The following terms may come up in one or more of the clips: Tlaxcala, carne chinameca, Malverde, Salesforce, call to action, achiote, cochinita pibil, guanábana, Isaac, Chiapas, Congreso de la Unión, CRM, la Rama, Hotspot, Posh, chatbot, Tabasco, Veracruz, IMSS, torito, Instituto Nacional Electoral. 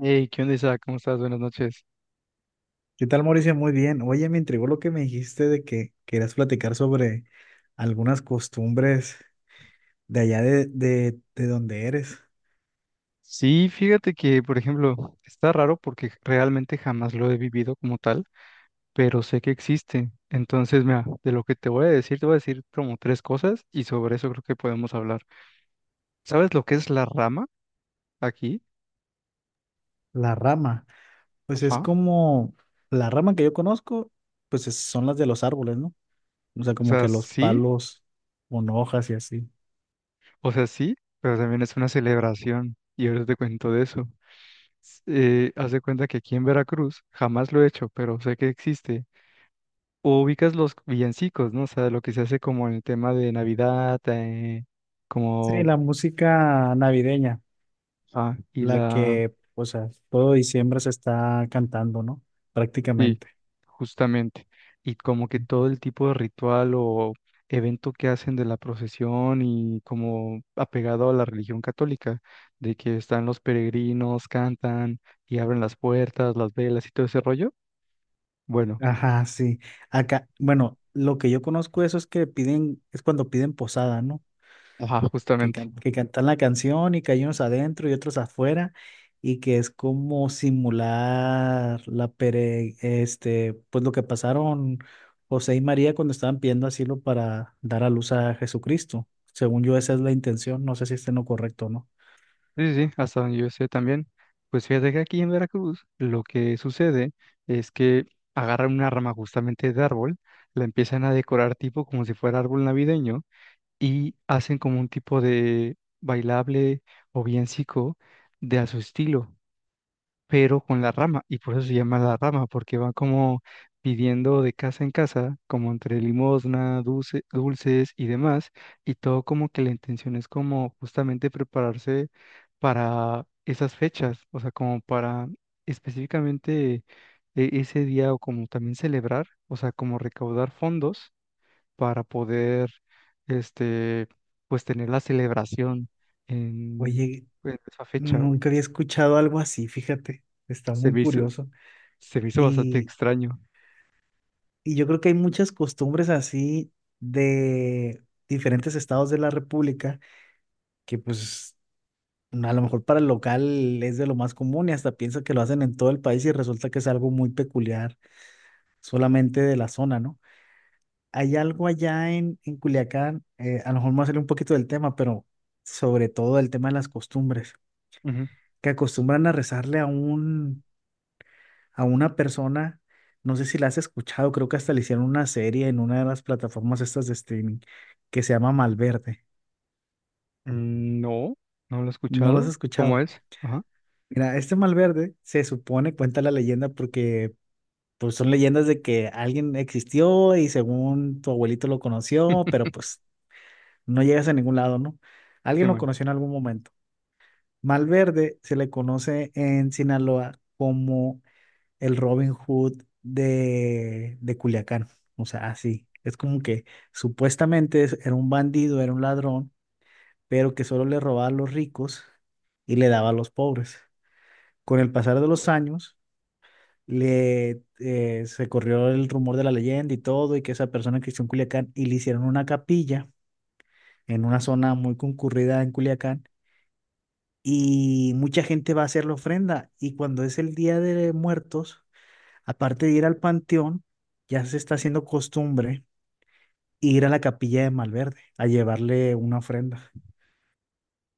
Hey, ¿qué onda, Isaac? ¿Cómo estás? Buenas noches. ¿Qué tal, Mauricio? Muy bien. Oye, me intrigó lo que me dijiste de que querías platicar sobre algunas costumbres de allá de donde eres, Sí, fíjate que, por ejemplo, está raro porque realmente jamás lo he vivido como tal, pero sé que existe. Entonces, mira, de lo que te voy a decir como tres cosas y sobre eso creo que podemos hablar. ¿Sabes lo que es la rama aquí? la rama. Pues es Ajá. como la rama que yo conozco, pues son las de los árboles, ¿no? O sea, O como sea, que los sí, palos con hojas y así. o sea, sí, pero también es una celebración y ahorita te cuento de eso. Haz de cuenta que aquí en Veracruz jamás lo he hecho, pero sé que existe. O ubicas los villancicos, ¿no? O sea, lo que se hace como en el tema de Navidad, Sí, como, la música navideña, ah, la que, o sea, todo diciembre se está cantando, ¿no? sí, Prácticamente. justamente, y como que todo el tipo de ritual o evento que hacen de la procesión y como apegado a la religión católica, de que están los peregrinos, cantan y abren las puertas, las velas y todo ese rollo. Bueno, Ajá, sí. Acá, bueno, lo que yo conozco eso es que piden, es cuando piden posada, ¿no? ajá, Que, justamente. Que cantan la canción y que hay unos adentro y otros afuera y que es como simular la pere, este, pues lo que pasaron José y María cuando estaban pidiendo asilo para dar a luz a Jesucristo. Según yo, esa es la intención. No sé si esté en lo correcto o no. Sí, sí, sí, hasta donde yo sé también. Pues fíjate que aquí en Veracruz lo que sucede es que agarran una rama justamente de árbol, la empiezan a decorar tipo como si fuera árbol navideño y hacen como un tipo de bailable o villancico de a su estilo, pero con la rama, y por eso se llama la rama, porque van como pidiendo de casa en casa, como entre limosna, dulces y demás, y todo como que la intención es como justamente prepararse para esas fechas, o sea, como para específicamente ese día o como también celebrar, o sea, como recaudar fondos para poder, este, pues tener la celebración en, Oye, en esa fecha, güey. nunca había escuchado algo así, fíjate. Está Se muy me hizo, curioso. Se me hizo bastante extraño. Y yo creo que hay muchas costumbres así de diferentes estados de la República que pues a lo mejor para el local es de lo más común y hasta piensa que lo hacen en todo el país y resulta que es algo muy peculiar solamente de la zona, ¿no? Hay algo allá en Culiacán, a lo mejor me va a salir un poquito del tema, pero sobre todo el tema de las costumbres, Ujú. que acostumbran a rezarle a un, a una persona, no sé si la has escuchado, creo que hasta le hicieron una serie en una de las plataformas estas de streaming que se llama Malverde. Mm. No, no lo he ¿No lo has escuchado. ¿Cómo escuchado? es? Ajá. Mira, este Malverde se supone, cuenta la leyenda, porque pues son leyendas de que alguien existió y según tu abuelito lo conoció, pero pues no llegas a ningún lado, ¿no? Qué Alguien lo mal. conoció en algún momento. Malverde se le conoce en Sinaloa como el Robin Hood de Culiacán. O sea, así. Es como que era un bandido, era un ladrón, pero que solo le robaba a los ricos y le daba a los pobres. Con el pasar de los años, se corrió el rumor de la leyenda y todo, y que esa persona existió en Culiacán, y le hicieron una capilla en una zona muy concurrida en Culiacán, y mucha gente va a hacer la ofrenda, y cuando es el Día de Muertos, aparte de ir al panteón, ya se está haciendo costumbre ir a la capilla de Malverde a llevarle una ofrenda.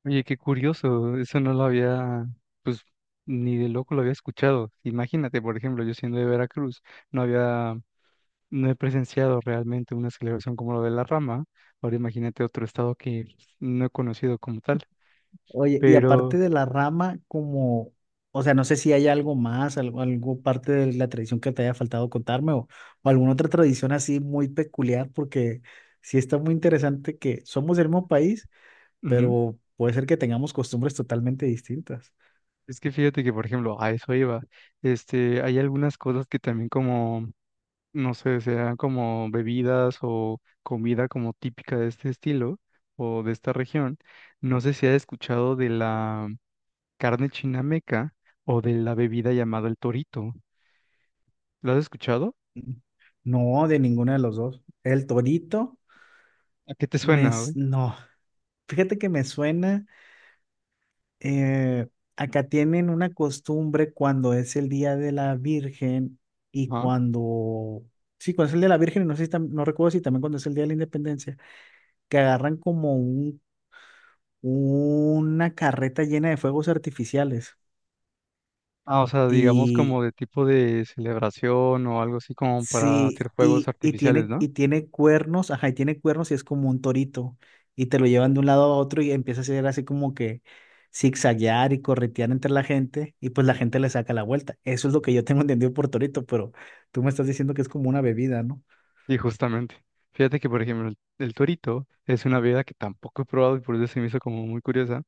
Oye, qué curioso. Eso no lo había, pues, ni de loco lo había escuchado. Imagínate, por ejemplo, yo siendo de Veracruz, no había, no he presenciado realmente una celebración como lo de la rama. Ahora imagínate otro estado que no he conocido como tal. Oye, y aparte Pero, de la rama, como, o sea, no sé si hay algo más, algo, algo parte de la tradición que te haya faltado contarme o alguna otra tradición así muy peculiar, porque sí está muy interesante que somos del mismo país, ujú, pero puede ser que tengamos costumbres totalmente distintas. es que fíjate que, por ejemplo, a eso iba. Este, hay algunas cosas que también, como no sé, sean como bebidas o comida como típica de este estilo o de esta región. No sé si has escuchado de la carne chinameca o de la bebida llamada el torito. ¿Lo has escuchado? Mm, no, de ninguna de los dos. El torito. ¿A qué te suena, güey? No, fíjate que me suena, eh, acá tienen una costumbre cuando es el Día de la Virgen y Ajá. cuando, sí, cuando es el Día de la Virgen, y no sé si no recuerdo si también cuando es el Día de la Independencia, que agarran como un, una carreta llena de fuegos artificiales. Ah, o sea, digamos como Y, de tipo de celebración o algo así como para hacer sí, juegos artificiales, ¿no? y tiene cuernos, ajá, y tiene cuernos y es como un torito. Y te lo llevan de un lado a otro y empieza a hacer así como que zigzaguear y corretear entre la gente, y pues la gente le saca la vuelta. Eso es lo que yo tengo entendido por torito, pero tú me estás diciendo que es como una bebida, ¿no? Y justamente. Fíjate que, por ejemplo, el torito es una bebida que tampoco he probado y por eso se me hizo como muy curiosa,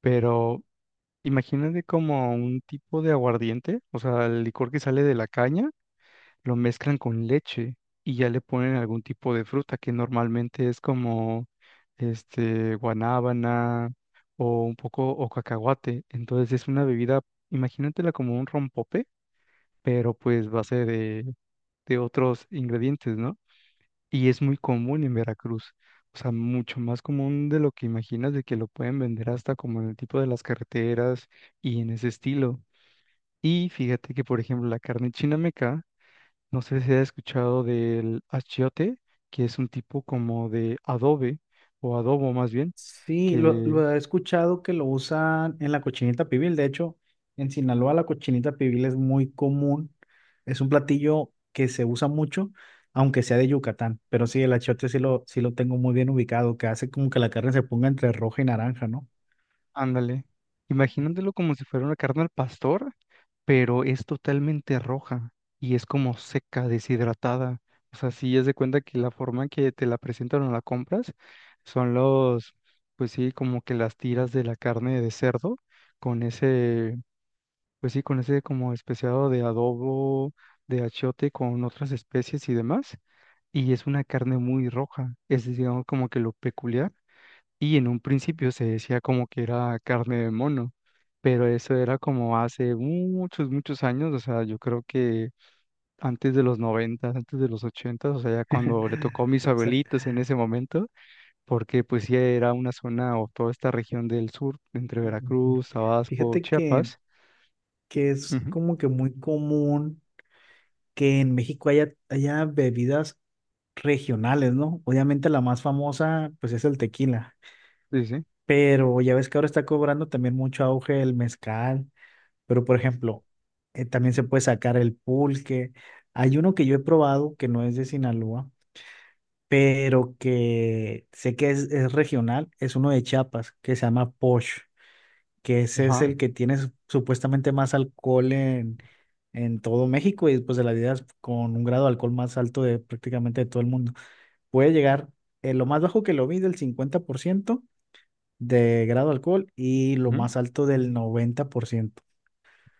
pero imagínate como un tipo de aguardiente, o sea, el licor que sale de la caña, lo mezclan con leche y ya le ponen algún tipo de fruta que normalmente es como este guanábana o un poco o cacahuate. Entonces es una bebida, imagínatela como un rompope, pero pues base de otros ingredientes, ¿no? Y es muy común en Veracruz. O sea, mucho más común de lo que imaginas, de que lo pueden vender hasta como en el tipo de las carreteras y en ese estilo. Y fíjate que, por ejemplo, la carne chinameca, no sé si has escuchado del achiote, que es un tipo como de adobe, o adobo más bien, Sí, que, lo he escuchado que lo usan en la cochinita pibil. De hecho, en Sinaloa la cochinita pibil es muy común. Es un platillo que se usa mucho, aunque sea de Yucatán. Pero sí, el achiote sí lo tengo muy bien ubicado, que hace como que la carne se ponga entre roja y naranja, ¿no? ándale, imaginándolo como si fuera una carne al pastor, pero es totalmente roja y es como seca, deshidratada. O sea, si es de cuenta que la forma en que te la presentan o la compras son los, pues sí, como que las tiras de la carne de cerdo con ese, pues sí, con ese como especiado de adobo, de achiote con otras especies y demás. Y es una carne muy roja, es digamos como que lo peculiar. Y en un principio se decía como que era carne de mono, pero eso era como hace muchos, muchos años, o sea, yo creo que antes de los 90, antes de los 80, o sea, ya cuando le tocó a mis O sea, abuelitos en ese momento, porque pues ya era una zona o toda esta región del sur, entre ujú. Veracruz, Tabasco, Fíjate Chiapas. que es Ujú. como que muy común que en México haya bebidas regionales, ¿no? Obviamente la más famosa, pues es el tequila. Sí, sí. Pero ya ves que ahora está cobrando también mucho auge el mezcal, pero por ejemplo, también se puede sacar el pulque. Hay uno que yo he probado que no es de Sinaloa, pero que sé que es regional, es uno de Chiapas, que se llama Posh, que ese es Ajá. el que tiene supuestamente más alcohol en todo México y después de la vida con un grado de alcohol más alto de prácticamente de todo el mundo. Puede llegar, lo más bajo que lo vi del 50% de grado de alcohol y lo Ujú. más alto del 90%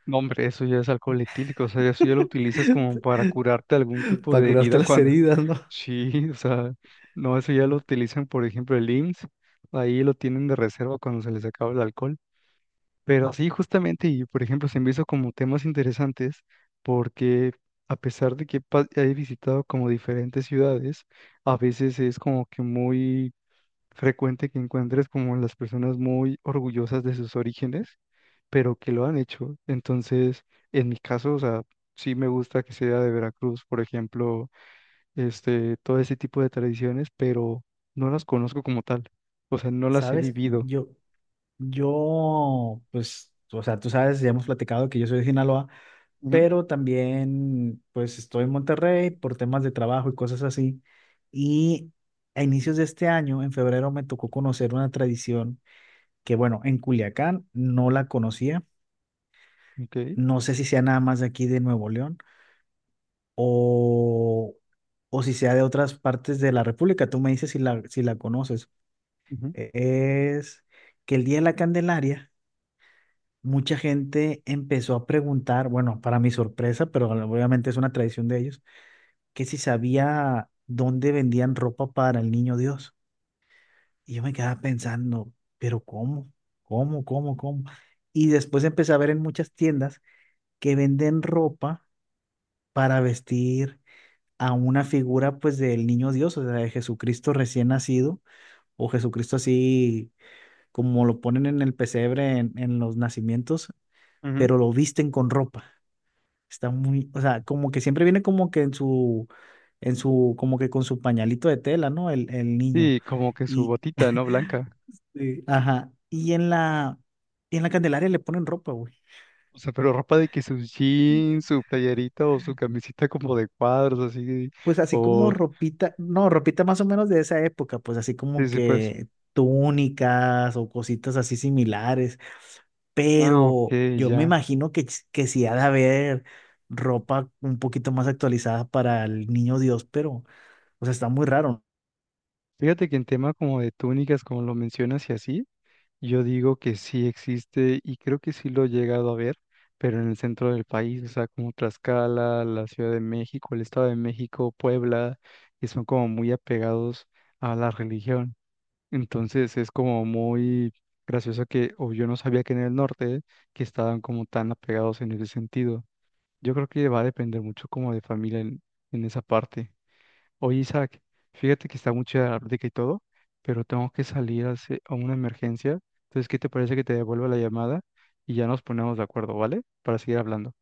No, hombre, eso ya es alcohol etílico, o sea, eso ya lo utilizas como para curarte algún tipo para de curarte herida las cuando heridas, ¿no? sí, o sea, no, eso ya lo utilizan, por ejemplo, el IMSS, ahí lo tienen de reserva cuando se les acaba el alcohol. Pero sí, justamente, y por ejemplo, se me hizo como temas interesantes porque a pesar de que he visitado como diferentes ciudades, a veces es como que muy frecuente que encuentres como las personas muy orgullosas de sus orígenes, pero que lo han hecho. Entonces, en mi caso, o sea, sí me gusta que sea de Veracruz, por ejemplo, este, todo ese tipo de tradiciones, pero no las conozco como tal. O sea, no las he ¿Sabes? vivido. Yo, pues, o sea, tú sabes, ya hemos platicado que yo soy de Sinaloa, Ujú. pero también, pues, estoy en Monterrey por temas de trabajo y cosas así. Y a inicios de este año, en febrero, me tocó conocer una tradición que, bueno, en Culiacán no la conocía. Ok. No sé si sea nada más de aquí de Nuevo León o, o si sea de otras partes de la República. Tú me dices si si la conoces. Ujú, E- Es que el Día de la Candelaria, mucha gente empezó a preguntar, bueno, para mi sorpresa, pero obviamente es una tradición de ellos, que si sabía dónde vendían ropa para el niño Dios. Y yo me quedaba pensando, pero ¿cómo? ¿Cómo? ¿Cómo? ¿Cómo? Y después empecé a ver en muchas tiendas que venden ropa para vestir a una figura pues del niño Dios, o sea, de Jesucristo recién nacido, o Jesucristo así como lo ponen en el pesebre en los nacimientos, ujú. pero lo visten con ropa. Está muy, o sea, como que siempre viene como que en su, como que con su pañalito de tela, ¿no? El niño. Sí, como que su Y, botita, ¿no? Blanca. sí, ajá, y en la Candelaria le ponen ropa, güey. O sea, pero ropa de que sus jeans, su playerita o su camisita como de cuadros, así, Pues así como o ropita, no, ropita más o menos de esa época, pues así sí, como sí, pues. que túnicas o cositas así similares, Ah, ok, pero yo me ya. imagino que, que sí ha de haber ropa un poquito más actualizada para el niño Dios, pero, o sea, está muy raro, Fíjate que en tema como de túnicas, como lo mencionas y así, yo digo que sí existe y creo que sí lo he llegado a ver, pero en el centro del país, o sea, como Tlaxcala, la Ciudad de México, el Estado de México, Puebla, que son como muy apegados a la religión. Entonces es como muy gracioso que, o yo no sabía que en el norte, que estaban como tan apegados en ese sentido. Yo creo que va a depender mucho como de familia en, esa parte. Oye, Isaac, fíjate que está muy chida la plática y todo, pero tengo que salir a, a una emergencia. Entonces, ¿qué te parece que te devuelva la llamada y ya nos ponemos de acuerdo? ¿Vale? Para seguir hablando.